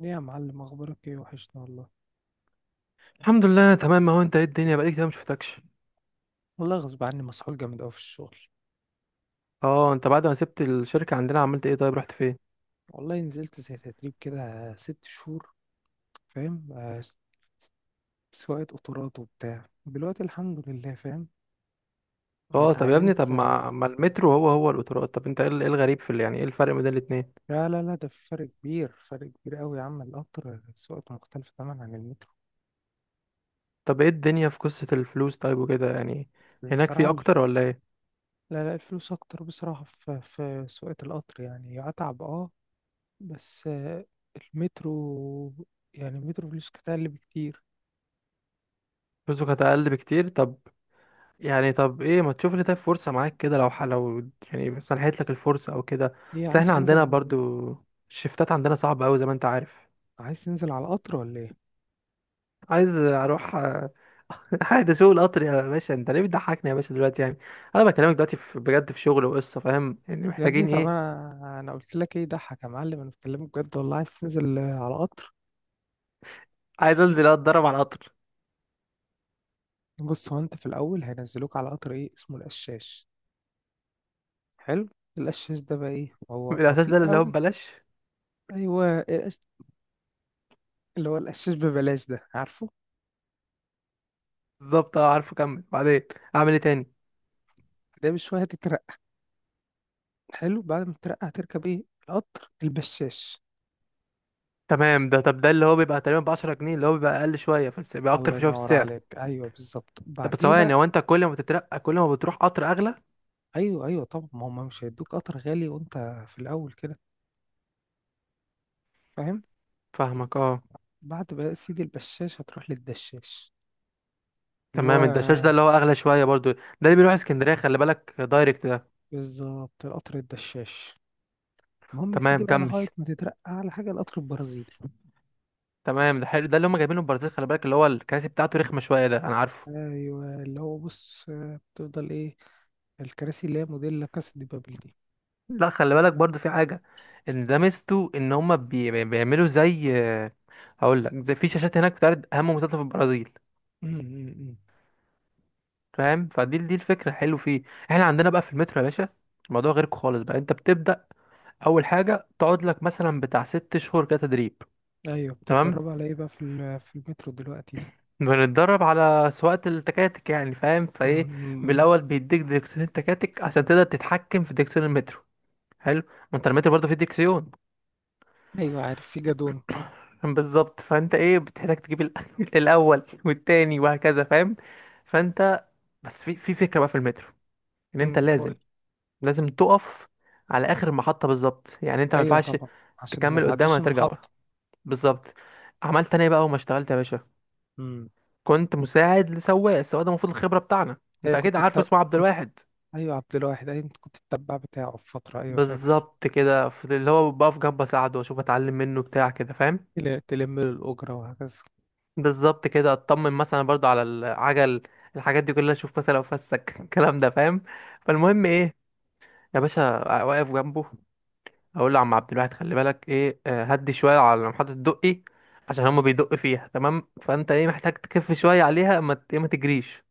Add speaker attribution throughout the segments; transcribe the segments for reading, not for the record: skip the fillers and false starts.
Speaker 1: ليه يا معلم، اخبارك ايه؟ وحشنا والله.
Speaker 2: الحمد لله انا تمام، اهو انت ايه الدنيا؟ بقالي كتير ما شفتكش.
Speaker 1: والله غصب عني، مسحول جامد قوي في الشغل.
Speaker 2: اه، انت بعد ما سبت الشركه عندنا عملت ايه؟ طيب رحت فين؟
Speaker 1: والله نزلت زي تدريب كده 6 شهور. فاهم آه، سواقة قطارات وبتاع دلوقتي، الحمد لله. فاهم آه،
Speaker 2: اه طب يا ابني، طب
Speaker 1: اتعينت آه،
Speaker 2: ما المترو هو القطارات؟ طب انت ايه إيه الغريب في يعني ايه الفرق بين الاتنين؟
Speaker 1: لا لا لا، ده في فرق كبير، فرق كبير قوي يا عم. القطر سواقته مختلفة تماما عن المترو.
Speaker 2: طب ايه الدنيا في قصه الفلوس طيب وكده يعني؟ هناك
Speaker 1: بصراحة
Speaker 2: في اكتر ولا ايه؟
Speaker 1: لا لا، الفلوس اكتر بصراحة في سواقة القطر، يعني اتعب اه. بس المترو. يعني المترو فلوس كتير بكتير.
Speaker 2: فلوسه كانت اقل بكتير طب، يعني طب ايه، ما تشوف لي طيب فرصه معاك كده، لو لو يعني سنحت لك الفرصه او كده.
Speaker 1: هي
Speaker 2: اصل
Speaker 1: عايز
Speaker 2: احنا عندنا
Speaker 1: تنزل؟
Speaker 2: برضو، الشفتات عندنا صعبه قوي زي ما انت عارف.
Speaker 1: عايز تنزل على القطر ولا ايه؟
Speaker 2: عايز اروح، آه. عايز اشوف القطر يا باشا، انت ليه بتضحكني يا باشا دلوقتي يعني؟ انا بكلمك دلوقتي في بجد، في شغل وقصه، فاهم يعني
Speaker 1: يا ابني
Speaker 2: محتاجين
Speaker 1: طب
Speaker 2: ايه.
Speaker 1: انا قلت لك ايه ضحك يا معلم؟ انا بكلمك بجد والله، عايز تنزل على قطر.
Speaker 2: عايز انزل اتدرب على القطر.
Speaker 1: بص، هو انت في الاول هينزلوك على قطر ايه اسمه؟ القشاش. حلو. القشاش ده بقى ايه؟ هو
Speaker 2: الاساس ده
Speaker 1: بطيء
Speaker 2: اللي هو
Speaker 1: قوي.
Speaker 2: ببلاش.
Speaker 1: ايوه، اللي هو القشاش ببلاش، ده عارفه.
Speaker 2: بالظبط، اه عارفه، كمل بعدين، اعمل ايه تاني؟
Speaker 1: ده بشويه هتترقى. حلو. بعد ما تترقى هتركب ايه؟ القطر البشاش.
Speaker 2: تمام، ده طب ده اللي هو بيبقى تقريبا ب 10 جنيه، اللي هو بيبقى اقل شويه، فبيبقى اكتر
Speaker 1: الله
Speaker 2: في شويه في
Speaker 1: ينور
Speaker 2: السعر.
Speaker 1: عليك، ايوه بالظبط،
Speaker 2: طب بس
Speaker 1: بعديها.
Speaker 2: ثواني، هو انت كل ما تترقى كل ما بتروح قطر اغلى؟
Speaker 1: ايوه ايوه، طب ما هم مش هيدوك قطر غالي وانت في الاول كده، فاهم؟
Speaker 2: فاهمك اه.
Speaker 1: بعد بقى سيدي البشاش هتروح للدشاش، اللي
Speaker 2: تمام، الدشاش ده
Speaker 1: هو
Speaker 2: اللي هو اغلى شويه برضو، ده اللي بيروح اسكندريه، خلي بالك دايركت ده.
Speaker 1: بالظبط القطر الدشاش. المهم يا سيدي
Speaker 2: تمام
Speaker 1: بقى،
Speaker 2: كمل.
Speaker 1: لغاية ما تترقى على حاجة القطر البرازيلي.
Speaker 2: تمام ده حلو، ده اللي هم جايبينه من البرازيل، خلي بالك اللي هو الكراسي بتاعته رخمه شويه، ده انا عارفه.
Speaker 1: أيوة اللي هو، بص بتفضل إيه؟ الكراسي اللي هي موديل لا كاسا دي بابل دي.
Speaker 2: لا خلي بالك برضو في حاجه، ان ده ميزته ان هم بيعملوا زي، هقول لك زي في شاشات هناك بتعرض اهم منتجات في البرازيل.
Speaker 1: م- م- م.
Speaker 2: فاهم؟ فدي الفكره حلو فيه. احنا عندنا بقى في المترو يا باشا، الموضوع غيرك خالص بقى. انت بتبدا اول حاجه تقعد لك مثلا بتاع ست شهور كده تدريب.
Speaker 1: أيوة،
Speaker 2: تمام.
Speaker 1: بتتدربوا على إيه بقى في المترو دلوقتي؟
Speaker 2: بنتدرب على سواقه التكاتك يعني، فاهم
Speaker 1: م-
Speaker 2: فايه.
Speaker 1: م- م.
Speaker 2: بالاول بيديك ديركسيون التكاتك عشان تقدر تتحكم في ديركسيون المترو. حلو، ما انت رميت برضه في الدكسيون.
Speaker 1: أيوة، عارف في جادون.
Speaker 2: بالظبط، فانت ايه بتحتاج تجيب الاول والتاني وهكذا فاهم. فانت بس في فكره بقى في المترو، ان انت لازم،
Speaker 1: قول.
Speaker 2: لازم تقف على اخر المحطه بالظبط. يعني انت ما
Speaker 1: أيوة
Speaker 2: ينفعش
Speaker 1: طبعا، عشان ما
Speaker 2: تكمل قدام ولا
Speaker 1: تعديش
Speaker 2: ترجع
Speaker 1: المحطة.
Speaker 2: ورا. بالظبط. عملت انا ايه بقى وما اشتغلت يا باشا؟
Speaker 1: م.
Speaker 2: كنت مساعد لسواق، السواق ده المفروض الخبره بتاعنا، انت
Speaker 1: أيوة
Speaker 2: اكيد عارفه، اسمه عبد
Speaker 1: كنت،
Speaker 2: الواحد.
Speaker 1: أيوة عبد الواحد، أيوة كنت التبع بتاعه في فترة، أيوة فاكر.
Speaker 2: بالظبط كده، في اللي هو بقف جنبه اساعده واشوف اتعلم منه بتاع كده فاهم.
Speaker 1: تلم له الأجرة وهكذا.
Speaker 2: بالظبط كده، اطمن مثلا برضو على العجل، الحاجات دي كلها، اشوف مثلا لو فسك الكلام ده فاهم. فالمهم ايه، يا باشا واقف جنبه، اقول له: عم عبد الواحد خلي بالك ايه، آه، هدي شويه على محطه الدقي، عشان هما بيدق فيها تمام، فانت ايه محتاج تكف شويه عليها، ما ت- إيه، ما تجريش يا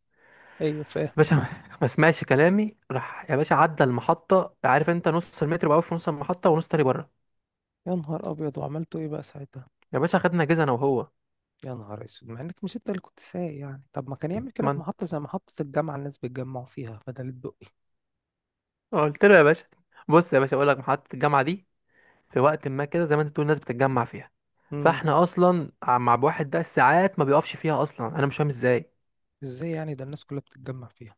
Speaker 1: أيوة فاهم.
Speaker 2: باشا. ما سمعش كلامي، راح يا باشا عدى المحطه، عارف انت نص المتر بقى في نص المحطه ونص تاني بره.
Speaker 1: يا نهار أبيض، وعملتوا إيه بقى ساعتها؟
Speaker 2: يا باشا، خدنا جيزه انا وهو.
Speaker 1: يا نهار أسود، مع إنك مش أنت اللي كنت سايق يعني. طب ما كان يعمل كده في
Speaker 2: من،
Speaker 1: محطة زي محطة الجامعة، الناس بيتجمعوا فيها بدل الدقي.
Speaker 2: قلت له يا باشا، بص يا باشا اقول لك محطه الجامعه دي، في وقت ما كده زي ما انت بتقول الناس بتتجمع فيها،
Speaker 1: امم
Speaker 2: فاحنا اصلا مع واحد ده ساعات ما بيقفش فيها اصلا، انا مش فاهم ازاي.
Speaker 1: إزاي يعني؟ ده الناس كلها بتتجمع فيها.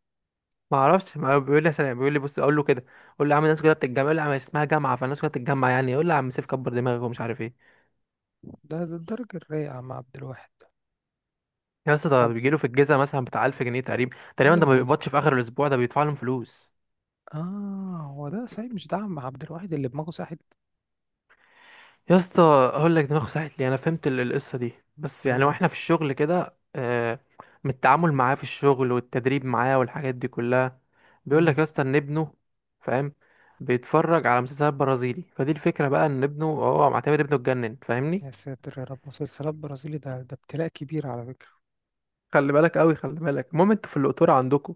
Speaker 2: ما اعرفش، ما هو بيقول لي، عشان بيقول لي بص، اقول له كده، اقول له: يا عم الناس كلها بتتجمع، يقول لي: يا عم اسمها جامعه فالناس كلها بتتجمع يعني، يقول لي: يا عم سيف كبر دماغك ومش عارف ايه.
Speaker 1: ده الدرجة الرايقة مع عبد الواحد ده؟
Speaker 2: يا اسطى، ده
Speaker 1: سب.
Speaker 2: بيجي له في الجيزه مثلا بتاع 1000 جنيه تقريبا
Speaker 1: يا
Speaker 2: تقريبا، ده ما
Speaker 1: لهوي.
Speaker 2: بيقبضش في اخر الاسبوع ده، بيدفع لهم فلوس.
Speaker 1: آه، هو ده صحيح؟ مش ده عم عبد الواحد اللي دماغه ساحت.
Speaker 2: يا اسطى، اقول لك دماغي ساحت لي، انا فهمت القصه دي بس، يعني
Speaker 1: امم
Speaker 2: واحنا في الشغل كده آه، من التعامل معاه في الشغل والتدريب معاه والحاجات دي كلها، بيقول لك
Speaker 1: امم
Speaker 2: يا اسطى ان ابنه، فاهم، بيتفرج على مسلسلات برازيلي، فدي الفكره بقى، ان ابنه هو معتبر ابنه اتجنن فاهمني.
Speaker 1: يا ساتر يا رب، مسلسلات برازيلي، ده ابتلاء كبير على فكرة.
Speaker 2: خلي بالك قوي خلي بالك. المهم انتوا في القطوره عندكم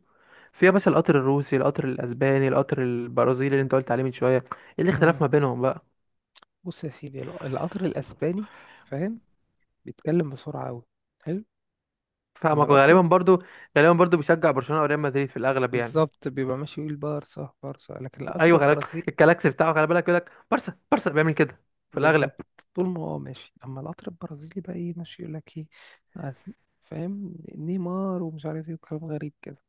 Speaker 2: فيها بس القطر الروسي، القطر الاسباني، القطر البرازيلي اللي انت قلت عليه من شويه، ايه
Speaker 1: امم
Speaker 2: الاختلاف ما بينهم بقى؟
Speaker 1: بص يا سيدي، القطر الأسباني، فاهم؟ بيتكلم بسرعة أوي. حلو. أما
Speaker 2: فاهمك،
Speaker 1: القطر،
Speaker 2: وغالبا برضو، غالبا برضو بيشجع برشلونه او ريال مدريد في الاغلب يعني.
Speaker 1: بالظبط، بيبقى ماشي يقول بارصة بارصة. لكن القطر
Speaker 2: ايوه خلي بالك،
Speaker 1: البرازيلي،
Speaker 2: الكلاكس بتاعه خلي بالك يقول لك بارسا بارسا، بيعمل كده في
Speaker 1: بالظبط،
Speaker 2: الاغلب.
Speaker 1: طول ما هو ماشي. أما القطر البرازيلي بقى، إيه ماشي يقول لك إيه؟ عايز- فاهم، نيمار ومش عارف إيه وكلام غريب كده.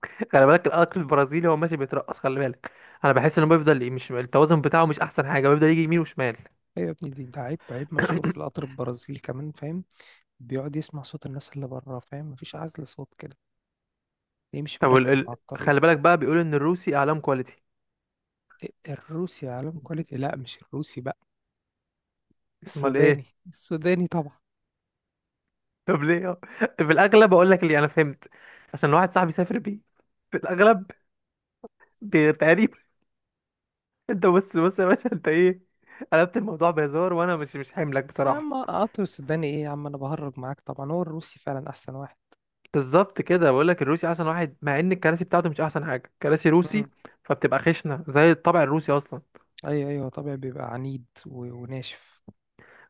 Speaker 2: خلي بالك الاكل البرازيلي، هو ماشي بيترقص خلي بالك، انا بحس انه بيفضل مش التوازن بتاعه مش احسن حاجه، بيفضل يجي يمين وشمال.
Speaker 1: أيوة يا ابني، ده عيب عيب مشهور في القطر البرازيلي كمان، فاهم؟ بيقعد يسمع صوت الناس اللي بره، فاهم مفيش عزل صوت كده. ليه مش
Speaker 2: طب
Speaker 1: مركز مع الطريق؟
Speaker 2: خلي بالك بقى بيقولوا ان الروسي اعلام كواليتي.
Speaker 1: إيه؟ الروسي عالم كواليتي؟ لا، مش الروسي بقى،
Speaker 2: امال
Speaker 1: السوداني،
Speaker 2: ايه؟
Speaker 1: السوداني طبعا.
Speaker 2: طب ليه؟ في الاغلب اقول لك اللي انا فهمت، عشان واحد صاحبي سافر بيه، في الاغلب، تقريبا. انت بص يا باشا، انت ايه قلبت الموضوع بهزار، وانا مش مش حاملك
Speaker 1: يا
Speaker 2: بصراحه.
Speaker 1: عم قطر السوداني ايه يا عم، انا بهرج معاك طبعا. هو الروسي فعلا احسن واحد.
Speaker 2: بالظبط كده، بقول لك الروسي احسن واحد، مع ان الكراسي بتاعته مش احسن حاجه، كراسي روسي
Speaker 1: امم
Speaker 2: فبتبقى خشنه زي الطابع الروسي اصلا.
Speaker 1: ايوه ايوه طبيعي، بيبقى عنيد وناشف.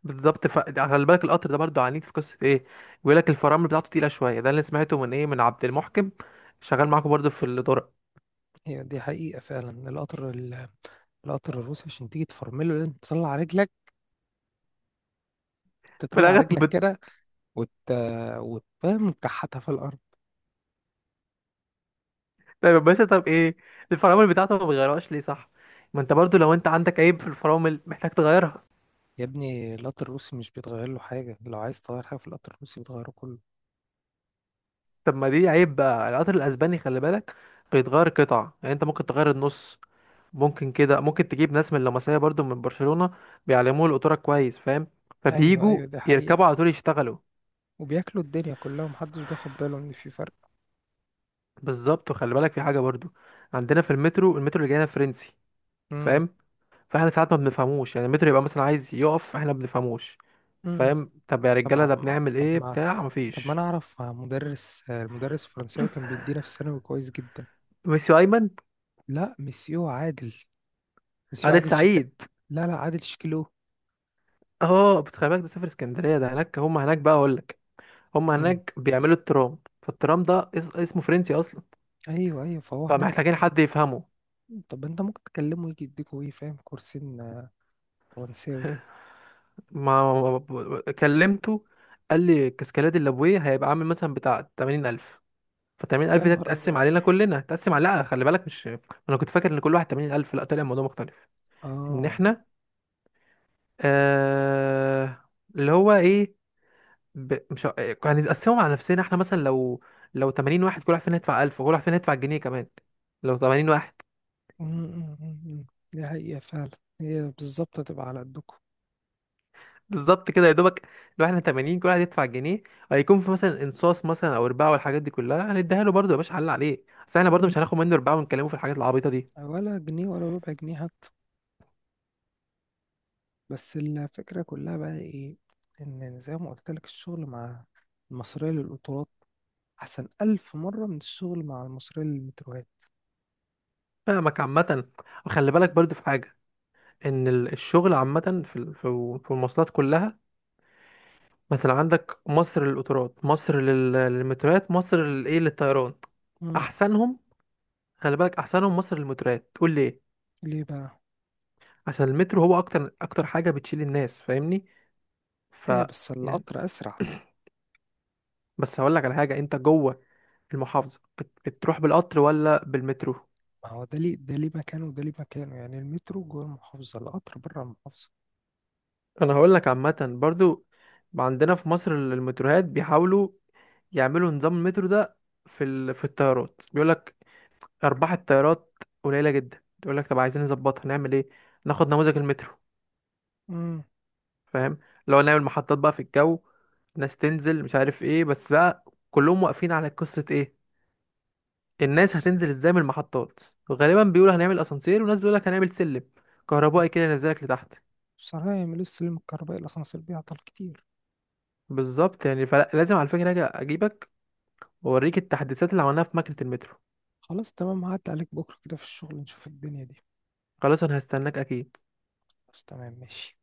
Speaker 2: بالظبط، ف خلي بالك القطر ده برضو عنيد في قصه ايه، بيقول لك الفرامل بتاعته تقيله شويه، ده اللي سمعته من ايه، من عبد المحكم، شغال معاكم برضو في الطرق.
Speaker 1: هي دي حقيقة فعلا. القطر الروسي عشان تيجي تفرمله لازم تطلع رجلك،
Speaker 2: في
Speaker 1: تطلع
Speaker 2: الاغلب
Speaker 1: رجلك كده، وت وتفهم كحتها في الارض.
Speaker 2: طيب يا باشا، طب ايه الفرامل بتاعته ما بيغيرهاش ليه؟ صح، ما انت برضو لو انت عندك عيب في الفرامل محتاج تغيرها.
Speaker 1: يا ابني القطر الروسي مش بيتغير له حاجة. لو عايز تغير حاجة في القطر الروسي بتغيره كله.
Speaker 2: طب ما دي عيب بقى، القطر الاسباني خلي بالك بيتغير قطع، يعني انت ممكن تغير النص، ممكن كده، ممكن تجيب ناس من اللمسيه برضو من برشلونة، بيعلموه القطوره كويس فاهم،
Speaker 1: ايوه
Speaker 2: فبييجوا
Speaker 1: ايوه دي
Speaker 2: يركبوا
Speaker 1: حقيقة.
Speaker 2: على طول يشتغلوا.
Speaker 1: وبياكلوا الدنيا كلها ومحدش بياخد باله ان في فرق.
Speaker 2: بالظبط، وخلي بالك في حاجه برضو، عندنا في المترو، المترو اللي جاينا فرنسي
Speaker 1: امم
Speaker 2: فاهم، فاحنا ساعات ما بنفهموش، يعني المترو يبقى مثلا عايز يقف احنا ما بنفهموش
Speaker 1: امم
Speaker 2: فاهم، طب يا
Speaker 1: طب
Speaker 2: رجاله
Speaker 1: ما
Speaker 2: ده
Speaker 1: ما-
Speaker 2: بنعمل
Speaker 1: طب
Speaker 2: ايه
Speaker 1: ما
Speaker 2: بتاع
Speaker 1: طب ما انا
Speaker 2: مفيش.
Speaker 1: اعرف مدرس المدرس الفرنساوي كان بيدينا في الثانوي كويس جدا.
Speaker 2: ميسيو ايمن.
Speaker 1: لا، مسيو عادل. مسيو
Speaker 2: عادل
Speaker 1: عادل شكا.
Speaker 2: سعيد.
Speaker 1: لا لا، عادل شكلو.
Speaker 2: اه بس خلي بالك ده سافر اسكندريه، ده هناك هم، هناك بقى اقول لك، هم
Speaker 1: مم.
Speaker 2: هناك بيعملوا الترام، فالترام ده اسمه فرنسي اصلا،
Speaker 1: ايوه ايوه، فهو هناك.
Speaker 2: فمحتاجين حد يفهمه.
Speaker 1: طب انت ممكن تكلمه يجي يديكوا ايه؟ فاهم، كورسين فرنساوي.
Speaker 2: ما كلمته، قال لي الكاسكالات الليبويه هيبقى عامل مثلا بتاع 80000. ف
Speaker 1: يا
Speaker 2: 80000 ده
Speaker 1: نهار
Speaker 2: تتقسم
Speaker 1: ازرق.
Speaker 2: علينا كلنا، تتقسم على، لا خلي بالك مش، انا كنت فاكر ان كل واحد 80000، لا طلع الموضوع مختلف. ان
Speaker 1: اه.
Speaker 2: احنا، آه... اللي هو ايه، ب... مش ه- إيه، هنتقسمهم على نفسنا احنا مثلا، لو 80 واحد كل واحد فينا يدفع 1000 وكل واحد فينا يدفع جنيه كمان، لو 80 واحد.
Speaker 1: مم، مم، مم، مم. دي حقيقة فعلا. هي بالظبط هتبقى على قدكم.
Speaker 2: بالظبط كده يا دوبك، لو احنا 80 كل واحد يدفع جنيه، هيكون في مثلا انصاص مثلا او رباعه والحاجات دي كلها هنديها له برضه يا باشا، حل عليه بس احنا برضه
Speaker 1: مم.
Speaker 2: مش هناخد منه رباعه ونكلمه في الحاجات العبيطه دي.
Speaker 1: ولا جنيه ولا ربع جنيه حتى. بس الفكرة كلها بقى ايه؟ ان زي ما قلت لك، الشغل مع المصرية للقطارات أحسن 1000 مرة من الشغل مع المصريين للمتروهات.
Speaker 2: فاهمك عامه، وخلي بالك برضه في حاجه، ان الشغل عامه في في المواصلات كلها، مثلا عندك مصر للقطارات، مصر للمتروات، مصر للايه، للطيران.
Speaker 1: مم.
Speaker 2: احسنهم، خلي بالك احسنهم مصر للمتروات. تقول ليه؟
Speaker 1: ليه بقى؟
Speaker 2: عشان المترو هو اكتر، اكتر حاجه بتشيل الناس فاهمني. ف
Speaker 1: هي بس
Speaker 2: يعني،
Speaker 1: القطر أسرع.
Speaker 2: بس هقول لك على حاجة، انت جوه المحافظة بتروح بالقطر ولا بالمترو؟
Speaker 1: ما هو ده ليه؟ ده ليه مكانه وده ليه مكانه، يعني المترو جوه المحافظة، القطر بره المحافظة.
Speaker 2: انا هقول لك عامة برضو، عندنا في مصر المتروهات بيحاولوا يعملوا نظام المترو ده في في الطيارات، بيقول لك ارباح الطيارات قليلة جدا، يقول لك طب عايزين نظبطها نعمل ايه؟ ناخد نموذج المترو.
Speaker 1: مم.
Speaker 2: فاهم، لو نعمل محطات بقى في الجو، ناس تنزل مش عارف ايه بس بقى، كلهم واقفين على قصة ايه، الناس
Speaker 1: بس-
Speaker 2: هتنزل ازاي من المحطات. غالبا بيقولوا هنعمل اسانسير، وناس بيقولوا لك هنعمل سلم كهربائي كده ينزلك لتحت.
Speaker 1: بصراحة يعملوا السلم الكهربائي، الأسانسير بيعطل كتير.
Speaker 2: بالظبط، يعني فلازم على فكرة اجي اجيبك واوريك التحديثات اللي عملناها في ماكينة المترو.
Speaker 1: خلاص تمام، هعدي عليك بكرة كده في الشغل، نشوف الدنيا دي.
Speaker 2: خلاص انا هستناك اكيد.
Speaker 1: بس تمام ماشي.